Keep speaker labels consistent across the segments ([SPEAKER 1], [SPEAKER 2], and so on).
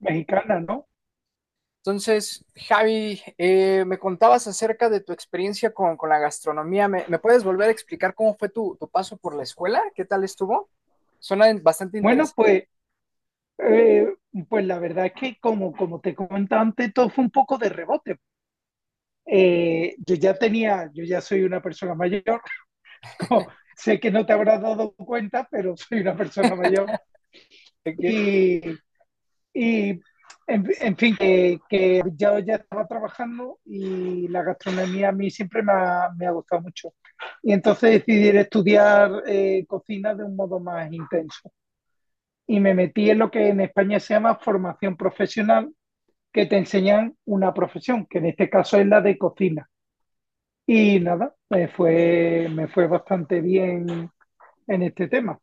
[SPEAKER 1] Mexicana, ¿no?
[SPEAKER 2] Entonces, Javi, me contabas acerca de tu experiencia con la gastronomía. ¿¿Me puedes volver a explicar cómo fue tu paso por la escuela? ¿Qué tal estuvo? Suena bastante
[SPEAKER 1] Bueno,
[SPEAKER 2] interesante.
[SPEAKER 1] pues, eh, pues la verdad es que como te comentaba antes, todo fue un poco de rebote. Yo ya soy una persona mayor, como- sé que no te habrás dado cuenta, pero soy una persona mayor.
[SPEAKER 2] Ok.
[SPEAKER 1] Y, y, en fin, que yo ya estaba trabajando y la gastronomía a mí siempre me ha gustado mucho. Y entonces decidí estudiar cocina de un modo más intenso. Y me metí en lo que en España se llama formación profesional, que te enseñan una profesión, que en este caso es la de cocina. Y nada, me fue bastante bien en este tema,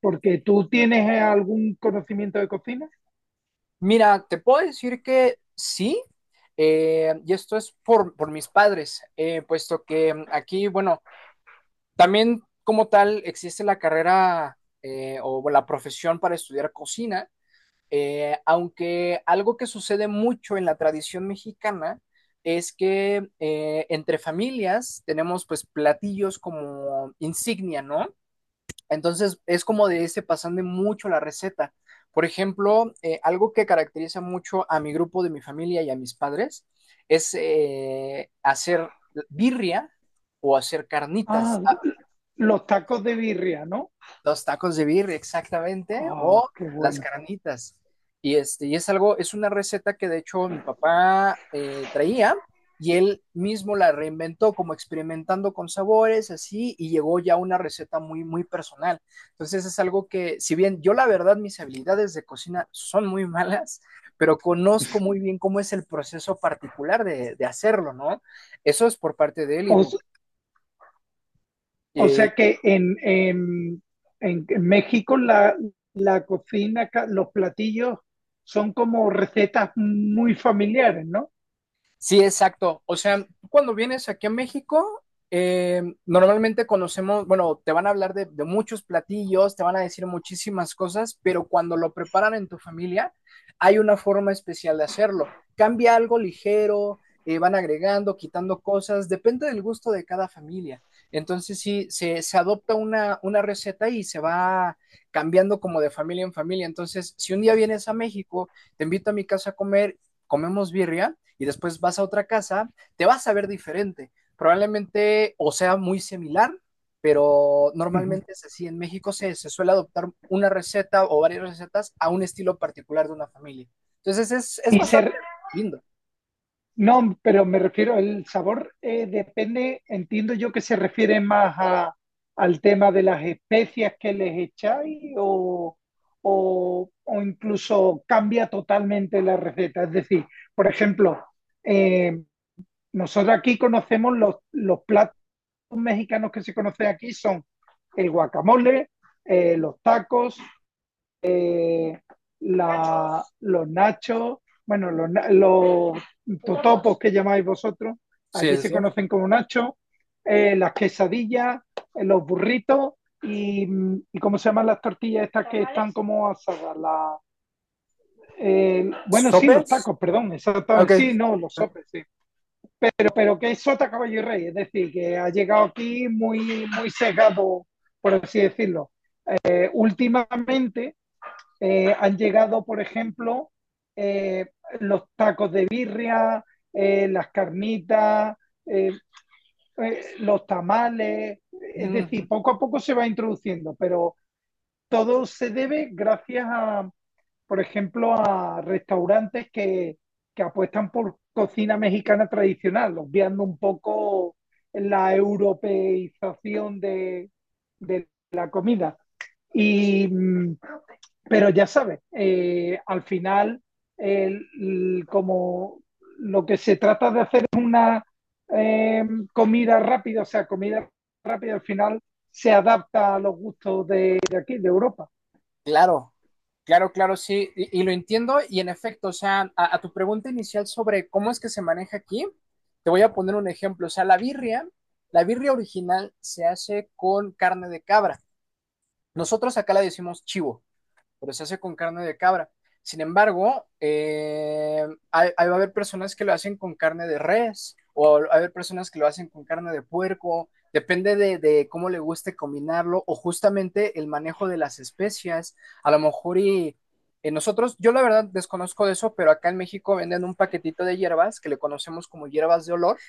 [SPEAKER 1] porque tú tienes algún conocimiento de cocina.
[SPEAKER 2] Mira, te puedo decir que sí, y esto es por mis padres, puesto que aquí, bueno, también como tal existe la carrera o la profesión para estudiar cocina. Aunque algo que sucede mucho en la tradición mexicana es que entre familias tenemos pues platillos como insignia, ¿no? Entonces es como de ese pasando mucho la receta. Por ejemplo, algo que caracteriza mucho a mi grupo de mi familia y a mis padres es hacer birria o hacer carnitas.
[SPEAKER 1] Ah, los tacos de birria, ¿no?
[SPEAKER 2] Los tacos de birria, exactamente, o
[SPEAKER 1] Ah, qué
[SPEAKER 2] las
[SPEAKER 1] bueno.
[SPEAKER 2] carnitas. Y es algo, es una receta que de hecho mi papá traía, y él mismo la reinventó como experimentando con sabores, así, y llegó ya a una receta muy, muy personal. Entonces es algo que, si bien yo la verdad mis habilidades de cocina son muy malas, pero conozco muy bien cómo es el proceso particular de hacerlo, ¿no? Eso es por parte de él y,
[SPEAKER 1] O, o sea que en México la cocina, los platillos son como recetas muy familiares, ¿no?
[SPEAKER 2] Sí, exacto. O sea, tú cuando vienes aquí a México, normalmente conocemos, bueno, te van a hablar de muchos platillos, te van a decir muchísimas cosas, pero cuando lo preparan en tu familia, hay una forma especial de hacerlo. Cambia algo ligero, van agregando, quitando cosas, depende del gusto de cada familia. Entonces, sí, se adopta una receta y se va cambiando como de familia en familia. Entonces, si un día vienes a México, te invito a mi casa a comer, comemos birria y después vas a otra casa, te vas a ver diferente. Probablemente o sea muy similar, pero
[SPEAKER 1] Ujú.
[SPEAKER 2] normalmente es así. En México se suele adoptar una receta o varias recetas a un estilo particular de una familia. Entonces es
[SPEAKER 1] Y se,
[SPEAKER 2] bastante lindo.
[SPEAKER 1] no, pero me refiero, el sabor depende, entiendo yo que se refiere más al tema de las especias que les echáis o incluso cambia totalmente la receta. Es decir, por ejemplo, eh, nosotros aquí conocemos los platos mexicanos que se conocen aquí son el guacamole, los tacos, eh, los nachos, bueno, los totopos que llamáis vosotros,
[SPEAKER 2] Sí,
[SPEAKER 1] aquí
[SPEAKER 2] sí,
[SPEAKER 1] se
[SPEAKER 2] sí.
[SPEAKER 1] conocen como nachos, las quesadillas, los burritos y, y ¿cómo se llaman las tortillas estas que están como asadas? Sí, los
[SPEAKER 2] ¿Sopes?
[SPEAKER 1] tacos, perdón,
[SPEAKER 2] Ok.
[SPEAKER 1] exactamente, sí, no, los sopes, sí. Pero que es sota, caballo y rey, es decir, que ha llegado aquí muy, muy sesgado, por así decirlo. Últimamente han llegado, por ejemplo, eh, los tacos de birria, las carnitas, eh, los tamales, es
[SPEAKER 2] Mm.
[SPEAKER 1] decir, poco a poco se va introduciendo, pero todo se debe gracias por ejemplo, a restaurantes que apuestan por cocina mexicana tradicional, obviando un poco la europeización de la comida. Y pero ya sabes, al final, como lo que se trata de hacer es una eh, comida rápida, o sea, comida rápida al final se adapta a los gustos de aquí, de Europa.
[SPEAKER 2] Claro, claro, claro, sí, y lo entiendo y en efecto, o sea, a tu pregunta inicial sobre cómo es que se maneja aquí, te voy a poner un ejemplo, o sea, la birria original se hace con carne de cabra. Nosotros acá la decimos chivo, pero se hace con carne de cabra. Sin embargo, ahí va a haber personas que lo hacen con carne de res, o va a haber personas que lo hacen con carne de puerco, depende de cómo le guste combinarlo, o justamente el manejo de las especias. A lo mejor y nosotros, yo la verdad desconozco de eso, pero acá en México venden un paquetito de hierbas que le conocemos como hierbas de olor.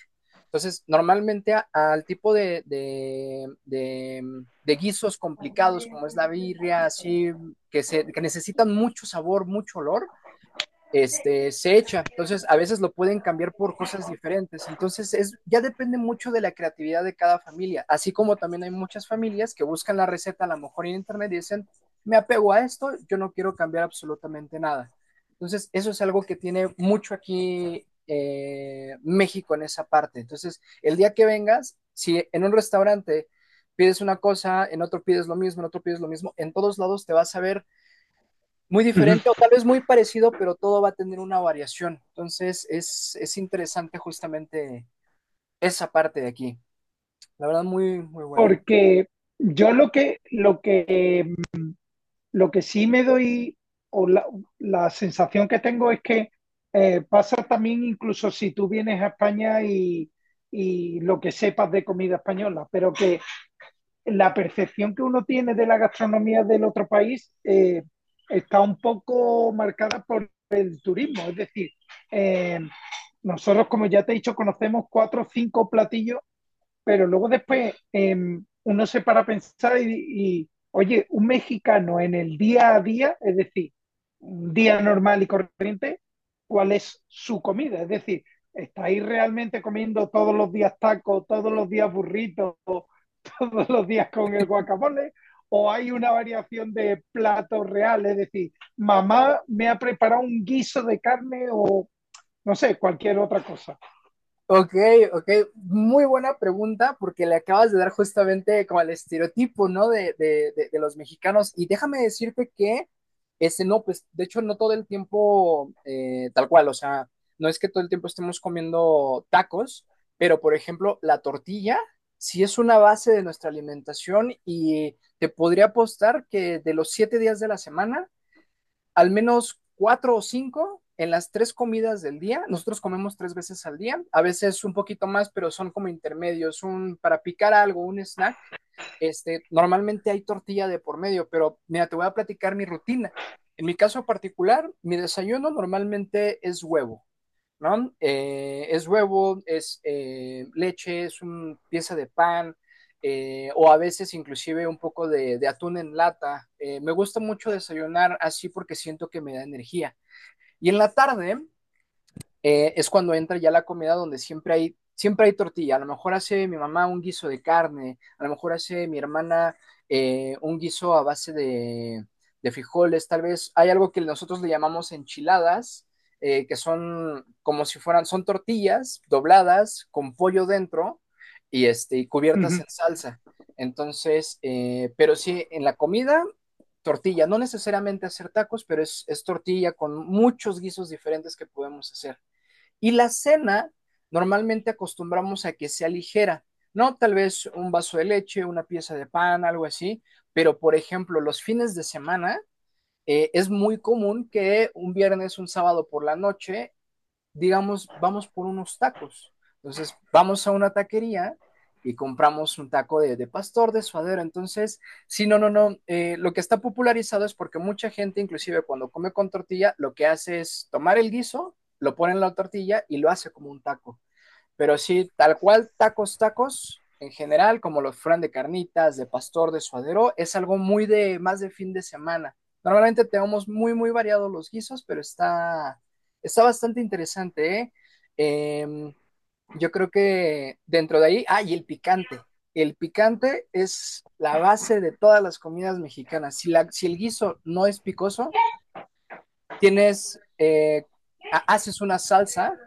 [SPEAKER 2] Entonces, normalmente al tipo de guisos complicados, como es la birria, así que necesitan mucho sabor, mucho olor, se echa. Entonces, a veces lo pueden cambiar por cosas diferentes. Entonces, ya depende mucho de la creatividad de cada familia. Así como también hay muchas familias que buscan la receta a lo mejor en internet y dicen, me apego a esto, yo no quiero cambiar absolutamente nada. Entonces, eso es algo que tiene mucho aquí México en esa parte. Entonces, el día que vengas, si en un restaurante pides una cosa, en otro pides lo mismo, en otro pides lo mismo, en todos lados te vas a ver muy
[SPEAKER 1] Ujú.
[SPEAKER 2] diferente o tal vez muy parecido, pero todo va a tener una variación. Entonces es interesante justamente esa parte de aquí. La verdad, muy, muy bueno.
[SPEAKER 1] Porque yo lo que sí me doy, o la sensación que tengo es que pasa también incluso si tú vienes a España y lo que sepas de comida española, pero que la percepción que uno tiene de la gastronomía del otro país está un poco marcada por el turismo. Es decir, eh, nosotros, como ya te he dicho, conocemos cuatro o cinco platillos, pero luego después uno se para a pensar y oye, un mexicano en el día a día, es decir, un día normal y corriente, ¿cuál es su comida? Es decir, ¿estáis realmente comiendo todos los días tacos, todos los días burritos, todos los días con el guacamole o hay una variación de platos reales, es decir, mamá me ha preparado un guiso de carne o no sé, cualquier otra cosa?
[SPEAKER 2] Ok, ok, muy buena pregunta porque le acabas de dar justamente como el estereotipo, ¿no? De los mexicanos. Y déjame decirte que ese no, pues de hecho no todo el tiempo tal cual, o sea, no es que todo el tiempo estemos comiendo tacos, pero por ejemplo, la tortilla sí es una base de nuestra alimentación y te podría apostar que de los siete días de la semana, al menos cuatro o cinco en las tres comidas del día. Nosotros comemos tres veces al día, a veces un poquito más, pero son como intermedios, un para picar algo, un snack. Normalmente hay tortilla de por medio, pero mira, te voy a platicar mi rutina. En mi caso particular, mi desayuno normalmente es huevo. ¿No? Es huevo, es leche, es una pieza de pan, o a veces inclusive un poco de atún en lata. Me gusta mucho desayunar así porque siento que me da energía. Y en la tarde, es cuando entra ya la comida donde siempre hay tortilla. A lo mejor hace mi mamá un guiso de carne, a lo mejor hace mi hermana un guiso a base de frijoles, tal vez hay algo que nosotros le llamamos enchiladas, que son como si fueran, son tortillas dobladas con pollo dentro y cubiertas en
[SPEAKER 1] Ujú.
[SPEAKER 2] salsa. Entonces, pero sí, en la comida, tortilla, no necesariamente hacer tacos, pero es tortilla con muchos guisos diferentes que podemos hacer. Y la cena, normalmente acostumbramos a que sea ligera, ¿no? Tal vez un vaso de leche, una pieza de pan, algo así, pero por ejemplo, los fines de semana es muy común que un viernes, un sábado por la noche digamos, vamos por unos tacos. Entonces, vamos a una taquería y compramos un taco de pastor, de suadero. Entonces, sí, no, no, no. Eh, lo que está popularizado es porque mucha gente, inclusive cuando come con tortilla, lo que hace es tomar el guiso, lo pone en la tortilla y lo hace como un taco. Pero sí, tal cual, tacos, tacos, en general, como los fran de carnitas, de pastor, de suadero, es algo muy de, más de fin de semana. Normalmente tenemos muy, muy variados los guisos, pero está bastante interesante, ¿eh? Em, yo creo que dentro de ahí, ah, y el picante. El picante es la base de todas las comidas mexicanas. Si el guiso no es picoso, tienes, eh, haces una salsa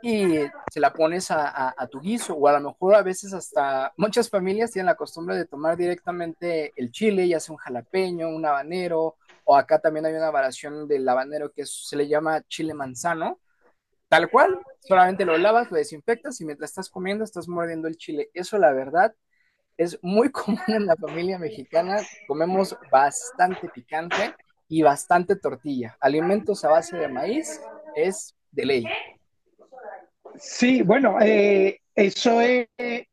[SPEAKER 2] y se la pones a tu guiso, o a lo mejor a veces hasta muchas familias tienen la costumbre de tomar directamente el chile, ya sea un jalapeño, un habanero, o acá también hay una variación del habanero que se le llama chile manzano, tal cual, solamente lo lavas, lo desinfectas y mientras estás comiendo estás mordiendo el chile. Eso la verdad es muy común en la familia mexicana, comemos bastante picante y bastante tortilla, alimentos a base de maíz es de ley,
[SPEAKER 1] Sí, bueno,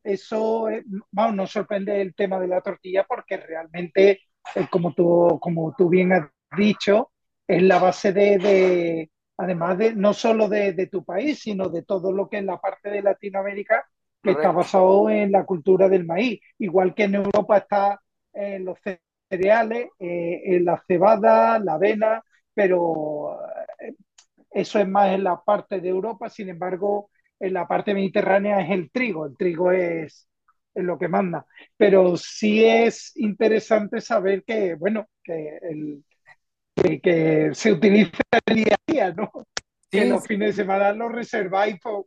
[SPEAKER 1] eso es, vamos, nos sorprende el tema de la tortilla porque realmente, como tú bien has dicho, es la base de además de no solo de tu país, sino de todo lo que es la parte de Latinoamérica que está
[SPEAKER 2] correcto.
[SPEAKER 1] basado en la cultura del maíz, igual que en Europa está los cereales, en la cebada, la avena, pero eso es más en la parte de Europa, sin embargo, en la parte mediterránea es el trigo, es lo que manda. Pero sí es interesante saber que que se utiliza el día a día, ¿no? Que
[SPEAKER 2] Sí,
[SPEAKER 1] los fines de semana los reserváis,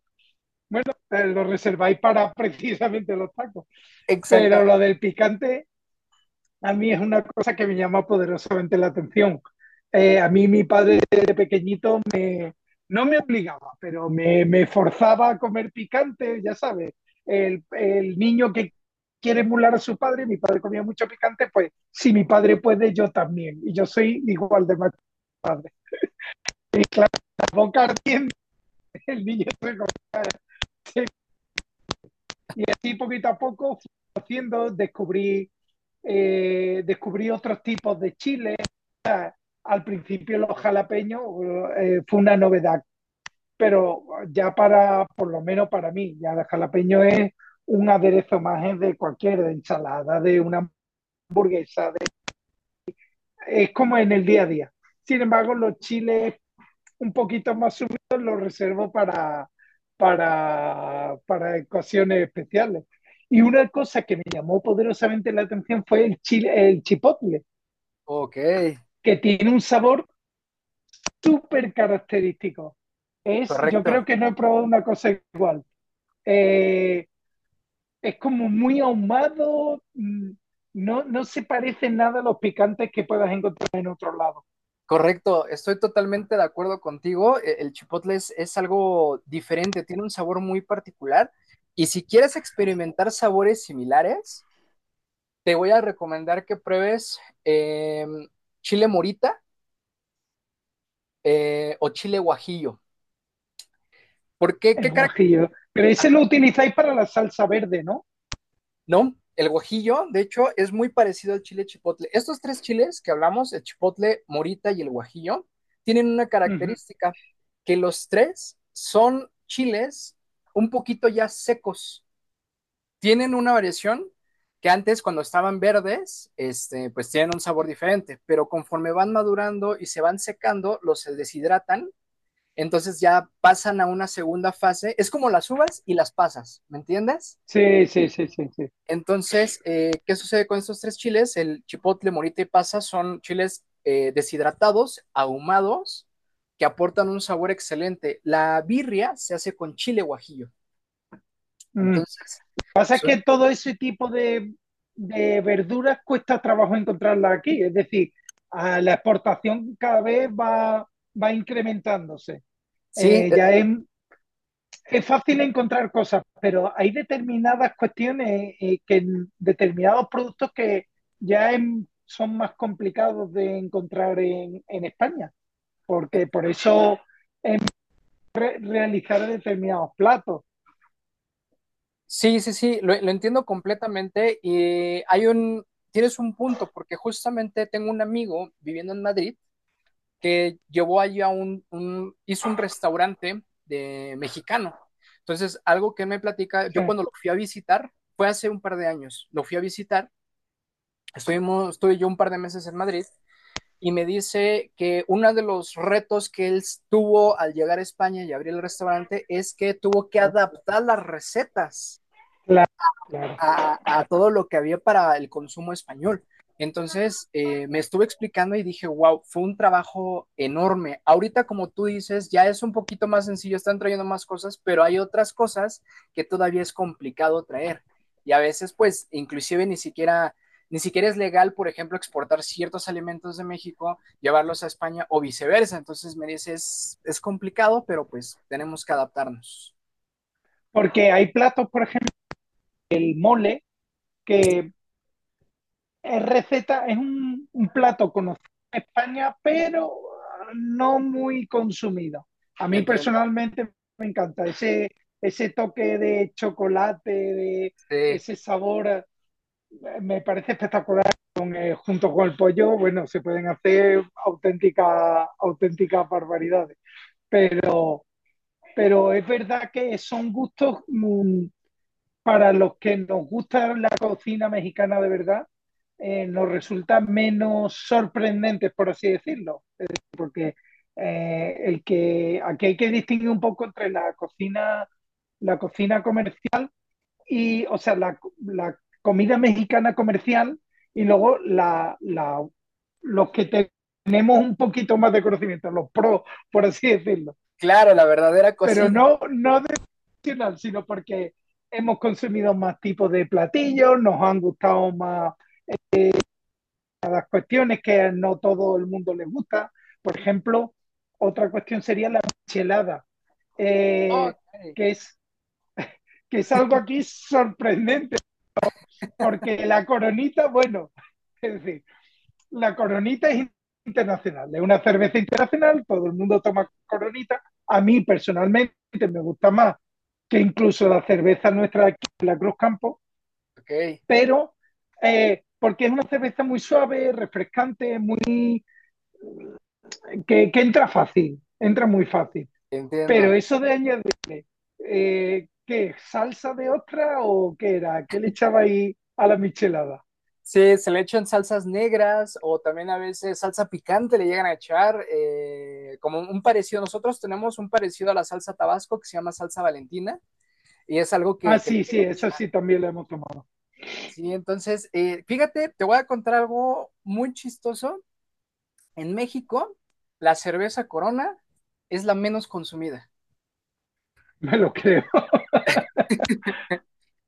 [SPEAKER 1] los reserváis para precisamente los tacos. Pero
[SPEAKER 2] exactamente.
[SPEAKER 1] lo del picante a mí es una cosa que me llama poderosamente la atención. A mí mi padre de pequeñito no me obligaba, pero me forzaba a comer picante, ya sabes, niño que quiere emular a su padre, mi padre comía mucho picante, pues si mi padre puede, yo también. Y yo soy igual de mal padre. Y claro, la boca ardiente, el niño se, y así poquito a poco fui haciendo, descubrí otros tipos de chiles. Al principio los jalapeños fue una novedad, pero ya por lo menos para mí, ya el jalapeño es un aderezo más de cualquier de ensalada, de una hamburguesa, de- es como en el día a día. Sin embargo, los chiles un poquito más subido lo reservo para ocasiones especiales. Y una cosa que me llamó poderosamente la atención fue el chipotle,
[SPEAKER 2] Ok,
[SPEAKER 1] que tiene un sabor súper característico. Es, yo
[SPEAKER 2] correcto.
[SPEAKER 1] creo que no he probado una cosa igual. Eh, es como muy ahumado, no, no se parece nada a los picantes que puedas encontrar en otro lado,
[SPEAKER 2] Correcto, estoy totalmente de acuerdo contigo. El chipotle es algo diferente, tiene un sabor muy particular. Y si quieres experimentar sabores similares, te voy a recomendar que pruebes chile morita o chile guajillo. ¿Por qué? ¿Qué,
[SPEAKER 1] el
[SPEAKER 2] cara-
[SPEAKER 1] guajillo. Pero ese lo utilizáis para la salsa verde, ¿no?
[SPEAKER 2] No, el guajillo, de hecho, es muy parecido al chile chipotle. Estos tres chiles que hablamos, el chipotle, morita y el guajillo, tienen una
[SPEAKER 1] Ujú.
[SPEAKER 2] característica, que los tres son chiles un poquito ya secos. Tienen una variación que antes cuando estaban verdes, pues tienen un sabor diferente, pero conforme van madurando y se van secando, los deshidratan, entonces ya pasan a una segunda fase. Es como las uvas y las pasas, ¿me entiendes?
[SPEAKER 1] Sí, sí, sí, sí, sí.
[SPEAKER 2] Entonces, ¿qué sucede con estos tres chiles? El chipotle, morita y pasa son chiles deshidratados, ahumados, que aportan un sabor excelente. La birria se hace con chile guajillo.
[SPEAKER 1] Mm.
[SPEAKER 2] Entonces,
[SPEAKER 1] Pasa
[SPEAKER 2] son-
[SPEAKER 1] que todo ese tipo de verduras cuesta trabajo encontrarla aquí, es decir, a la exportación cada vez va incrementándose.
[SPEAKER 2] sí,
[SPEAKER 1] Eh, ya
[SPEAKER 2] eh,
[SPEAKER 1] es, es fácil encontrar cosas, pero hay determinadas cuestiones que en determinados productos que son más complicados de encontrar en España,
[SPEAKER 2] eh,
[SPEAKER 1] porque por eso realizar determinados platos.
[SPEAKER 2] sí, sí, sí, lo entiendo completamente. Y tienes un punto, porque justamente tengo un amigo viviendo en Madrid que llevó allí hizo un restaurante de mexicano. Entonces, algo que me platica,
[SPEAKER 1] Sí,
[SPEAKER 2] yo cuando lo fui a visitar, fue hace un par de años, lo fui a visitar, estuve yo un par de meses en Madrid y me dice que uno de los retos que él tuvo al llegar a España y abrir el restaurante es que tuvo que adaptar las recetas
[SPEAKER 1] claro, claro.
[SPEAKER 2] a todo lo que había para el consumo español. Entonces, me estuve explicando y dije, wow, fue un trabajo enorme. Ahorita, como tú dices, ya es un poquito más sencillo, están trayendo más cosas, pero hay otras cosas que todavía es complicado traer. Y a veces, pues, inclusive ni siquiera es legal, por ejemplo, exportar ciertos alimentos de México, llevarlos a España o viceversa. Entonces, me dices, es complicado, pero pues tenemos que adaptarnos.
[SPEAKER 1] Porque hay platos, por ejemplo, el mole, que es receta, es un plato conocido en España, pero no muy consumido. A mí
[SPEAKER 2] Entiendo.
[SPEAKER 1] personalmente me encanta ese toque de chocolate, de
[SPEAKER 2] Sí,
[SPEAKER 1] ese sabor, me parece espectacular. Con, junto con el pollo, bueno, se pueden hacer auténticas auténticas barbaridades. Pero, pero es verdad que son gustos para los que nos gusta la cocina mexicana de verdad, nos resulta menos sorprendentes, por así decirlo. Es decir, porque aquí hay que distinguir un poco entre la cocina comercial y, o sea, la comida mexicana comercial y luego los que te- tenemos un poquito más de conocimiento, los pros, por así decirlo.
[SPEAKER 2] claro, la verdadera
[SPEAKER 1] Pero
[SPEAKER 2] cocina.
[SPEAKER 1] no, no nacional, sino porque hemos consumido más tipos de platillos, nos han gustado más las cuestiones que no todo el mundo les gusta. Por ejemplo, otra cuestión sería la michelada, eh,
[SPEAKER 2] Ok,
[SPEAKER 1] que, es, que es algo aquí sorprendente, porque la coronita, bueno, es decir, la coronita es internacional, es una cerveza internacional, todo el mundo toma coronita. A mí personalmente me gusta más que incluso la cerveza nuestra aquí, la Cruz Campo,
[SPEAKER 2] ok,
[SPEAKER 1] pero porque es una cerveza muy suave, refrescante, muy que entra fácil, entra muy fácil. Pero
[SPEAKER 2] entiendo.
[SPEAKER 1] eso de añadirle, ¿qué? ¿Salsa de ostra o qué era? ¿Qué le echaba ahí a la michelada?
[SPEAKER 2] Sí, se le echan salsas negras o también a veces salsa picante le llegan a echar, como un parecido. Nosotros tenemos un parecido a la salsa Tabasco que se llama salsa Valentina y es algo
[SPEAKER 1] Ah,
[SPEAKER 2] que le
[SPEAKER 1] sí, sí,
[SPEAKER 2] llegan a
[SPEAKER 1] esa
[SPEAKER 2] echar.
[SPEAKER 1] sí también la hemos tomado,
[SPEAKER 2] Sí, entonces, fíjate, te voy a contar algo muy chistoso. En México, la cerveza Corona es la menos consumida.
[SPEAKER 1] me lo creo.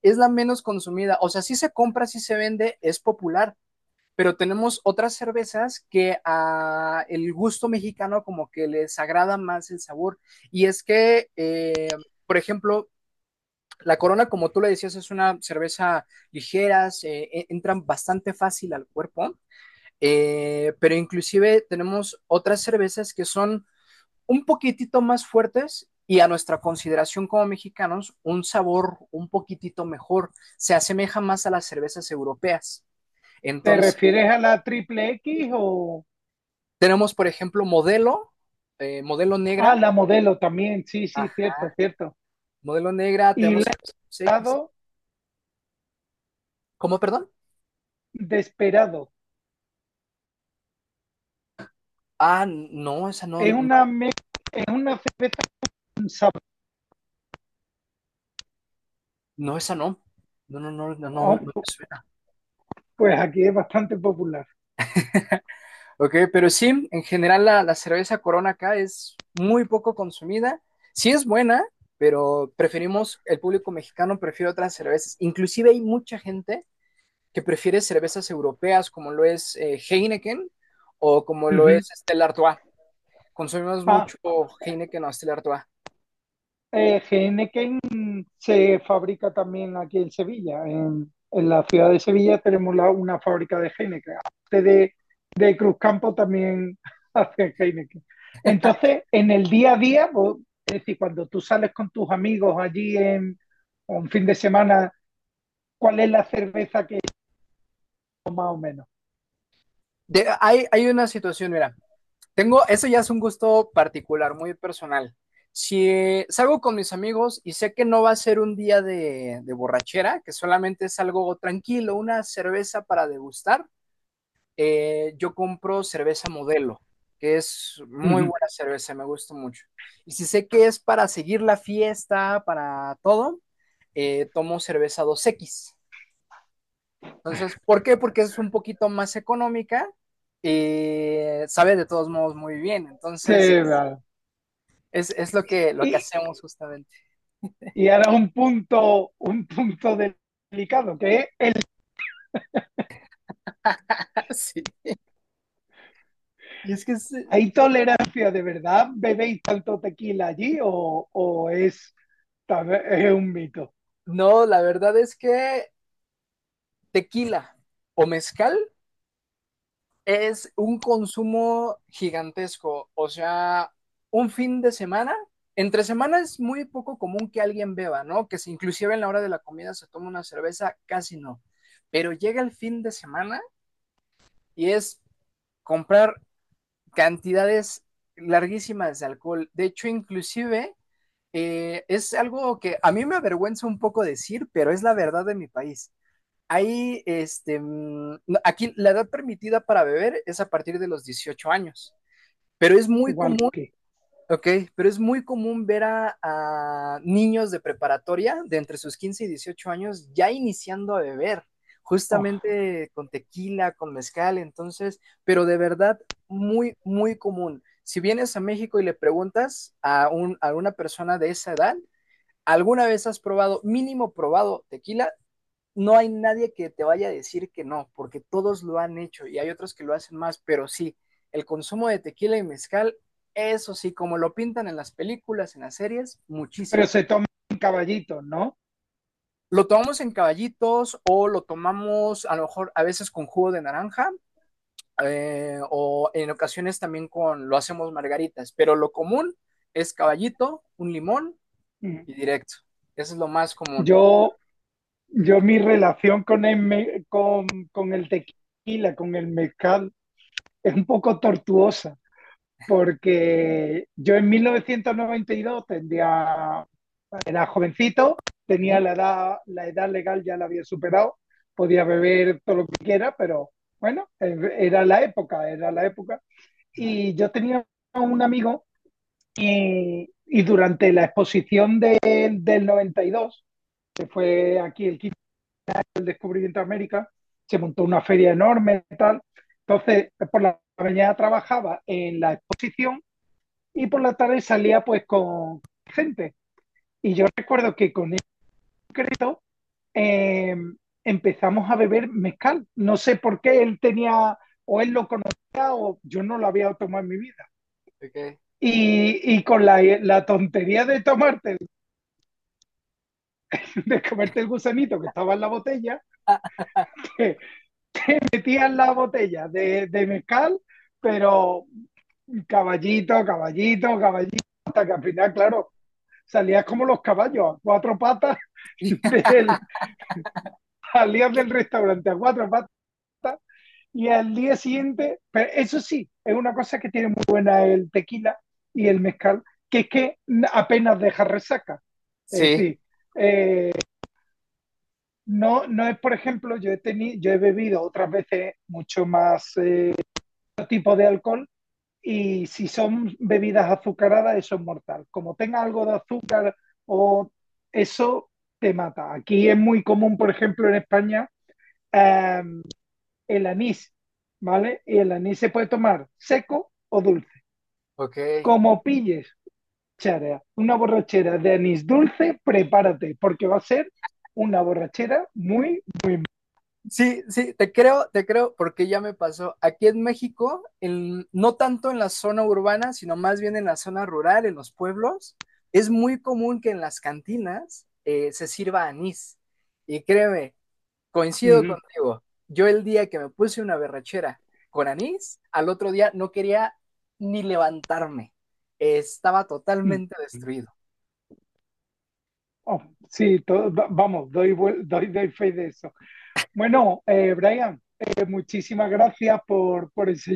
[SPEAKER 2] Es la menos consumida. O sea, sí se compra, sí se vende, es popular, pero tenemos otras cervezas que a el gusto mexicano como que les agrada más el sabor. Y es que, por ejemplo, la Corona, como tú le decías, es una cerveza ligera, entran bastante fácil al cuerpo, pero inclusive tenemos otras cervezas que son un poquitito más fuertes y a nuestra consideración como mexicanos, un sabor un poquitito mejor, se asemeja más a las cervezas europeas.
[SPEAKER 1] ¿Te
[SPEAKER 2] Entonces,
[SPEAKER 1] refieres a la triple X o
[SPEAKER 2] tenemos, por ejemplo, modelo, modelo
[SPEAKER 1] a
[SPEAKER 2] negra.
[SPEAKER 1] la modelo también? Sí, sí,
[SPEAKER 2] Ajá.
[SPEAKER 1] cierto, cierto.
[SPEAKER 2] Modelo negra,
[SPEAKER 1] Y le he
[SPEAKER 2] tenemos Arcos X.
[SPEAKER 1] dado
[SPEAKER 2] ¿Cómo, perdón?
[SPEAKER 1] desperado.
[SPEAKER 2] Ah, no, esa no,
[SPEAKER 1] Es
[SPEAKER 2] no,
[SPEAKER 1] una, me- es una cerveza con sabor.
[SPEAKER 2] no, esa no. No, no, no, no, no, no me
[SPEAKER 1] Oh,
[SPEAKER 2] suena.
[SPEAKER 1] pues aquí es bastante popular.
[SPEAKER 2] Ok, pero sí, en general la cerveza Corona acá es muy poco consumida. Sí es buena, pero preferimos, el público mexicano prefiere otras cervezas. Inclusive hay mucha gente que prefiere cervezas europeas como lo es Heineken o como lo
[SPEAKER 1] Ujú.
[SPEAKER 2] es este, el Artois. Consumimos
[SPEAKER 1] Ah,
[SPEAKER 2] mucho Heineken o Stella Artois.
[SPEAKER 1] Heineken se fabrica también aquí en Sevilla. En la ciudad de Sevilla tenemos una fábrica de Heineken. Aparte de Cruzcampo también hacen Heineken. Entonces, en el día a día, es decir, cuando tú sales con tus amigos allí en o un fin de semana, ¿cuál es la cerveza que más o menos?
[SPEAKER 2] Hay, hay una situación, mira, tengo, eso ya es un gusto particular, muy personal. Si salgo con mis amigos y sé que no va a ser un día de borrachera, que solamente es algo tranquilo, una cerveza para degustar, yo compro cerveza modelo, que es muy
[SPEAKER 1] Ujú.
[SPEAKER 2] buena cerveza, me gusta mucho. Y si sé que es para seguir la fiesta, para todo, tomo cerveza dos x. Entonces, ¿por qué? Porque es un poquito más económica y sabe de todos modos muy bien. Entonces,
[SPEAKER 1] Sí, vale.
[SPEAKER 2] es lo que
[SPEAKER 1] Y,
[SPEAKER 2] hacemos justamente.
[SPEAKER 1] y ahora un punto delicado, que es
[SPEAKER 2] Sí. Y es que, es-
[SPEAKER 1] ¿hay tolerancia de verdad? ¿Bebéis tanto tequila allí o tal vez es un mito?
[SPEAKER 2] no, la verdad es que tequila o mezcal es un consumo gigantesco. O sea, un fin de semana, entre semana es muy poco común que alguien beba, ¿no? Que si inclusive en la hora de la comida se toma una cerveza, casi no. Pero llega el fin de semana y es comprar cantidades larguísimas de alcohol. De hecho, inclusive es algo que a mí me avergüenza un poco decir, pero es la verdad de mi país. Ahí, este, no, aquí la edad permitida para beber es a partir de los 18 años, pero es muy
[SPEAKER 1] Igual
[SPEAKER 2] común.
[SPEAKER 1] que.
[SPEAKER 2] Ok, pero es muy común ver a niños de preparatoria de entre sus 15 y 18 años ya iniciando a beber,
[SPEAKER 1] Oh,
[SPEAKER 2] justamente con tequila, con mezcal, entonces, pero de verdad muy, muy común. Si vienes a México y le preguntas a una persona de esa edad, ¿alguna vez has probado, mínimo probado tequila? No hay nadie que te vaya a decir que no, porque todos lo han hecho y hay otros que lo hacen más, pero sí, el consumo de tequila y mezcal, eso sí, como lo pintan en las películas, en las series,
[SPEAKER 1] pero
[SPEAKER 2] muchísimo.
[SPEAKER 1] se toman caballitos, ¿no?
[SPEAKER 2] Lo tomamos en caballitos o lo tomamos a lo mejor a veces con jugo de naranja, o en ocasiones también con, lo hacemos margaritas, pero lo común es caballito, un limón
[SPEAKER 1] Mm.
[SPEAKER 2] y directo. Eso es lo más común.
[SPEAKER 1] Yo, yo mi relación con con el tequila, con el mezcal, es un poco tortuosa, porque yo en 1992 tendría era jovencito, tenía
[SPEAKER 2] Ujú.
[SPEAKER 1] la edad legal ya la había superado, podía beber todo lo que quiera, pero bueno, era la época, era la época. Y yo tenía un amigo y durante la exposición del 92 que fue aquí el 15 del descubrimiento de América, se montó una feria enorme y tal. Entonces, por la mañana trabajaba en la exposición y por la tarde salía pues con gente. Y yo recuerdo que con el concreto eh, empezamos a beber mezcal. No sé por qué él tenía, o él lo conocía, o yo no lo había tomado en mi vida.
[SPEAKER 2] Ok.
[SPEAKER 1] Y con la tontería de tomarte, de comerte el gusanito que estaba en la botella, que metían la botella de mezcal, pero caballito, caballito, caballito, hasta que al final, claro, salías como los caballos, a cuatro patas, del, salías del restaurante a cuatro patas y al día siguiente, pero eso sí, es una cosa que tiene muy buena el tequila y el mezcal, que es que apenas deja resaca. Es
[SPEAKER 2] Sí,
[SPEAKER 1] decir, eh, no, no es, por ejemplo, yo he bebido otras veces mucho más otro tipo de alcohol y si son bebidas azucaradas, eso es mortal. Como tenga algo de azúcar o eso te mata. Aquí es muy común, por ejemplo, en España, eh, el anís, ¿vale? Y el anís se puede tomar seco o dulce.
[SPEAKER 2] ok.
[SPEAKER 1] Como pilles chara, una borrachera de anís dulce, prepárate, porque va a ser una borrachera muy, muy...
[SPEAKER 2] Sí, sí, te creo, porque ya me pasó. Aquí en México, no tanto en la zona urbana, sino más bien en la zona rural, en los pueblos, es muy común que en las cantinas se sirva anís. Y créeme, coincido
[SPEAKER 1] Ujú,
[SPEAKER 2] contigo. Yo el día que me puse una berrachera con anís, al otro día no quería ni levantarme. Estaba
[SPEAKER 1] ujú. Mm.
[SPEAKER 2] totalmente destruido.
[SPEAKER 1] Oh, sí, doy fe de eso. Bueno, Brian, muchísimas gracias por enseñarme.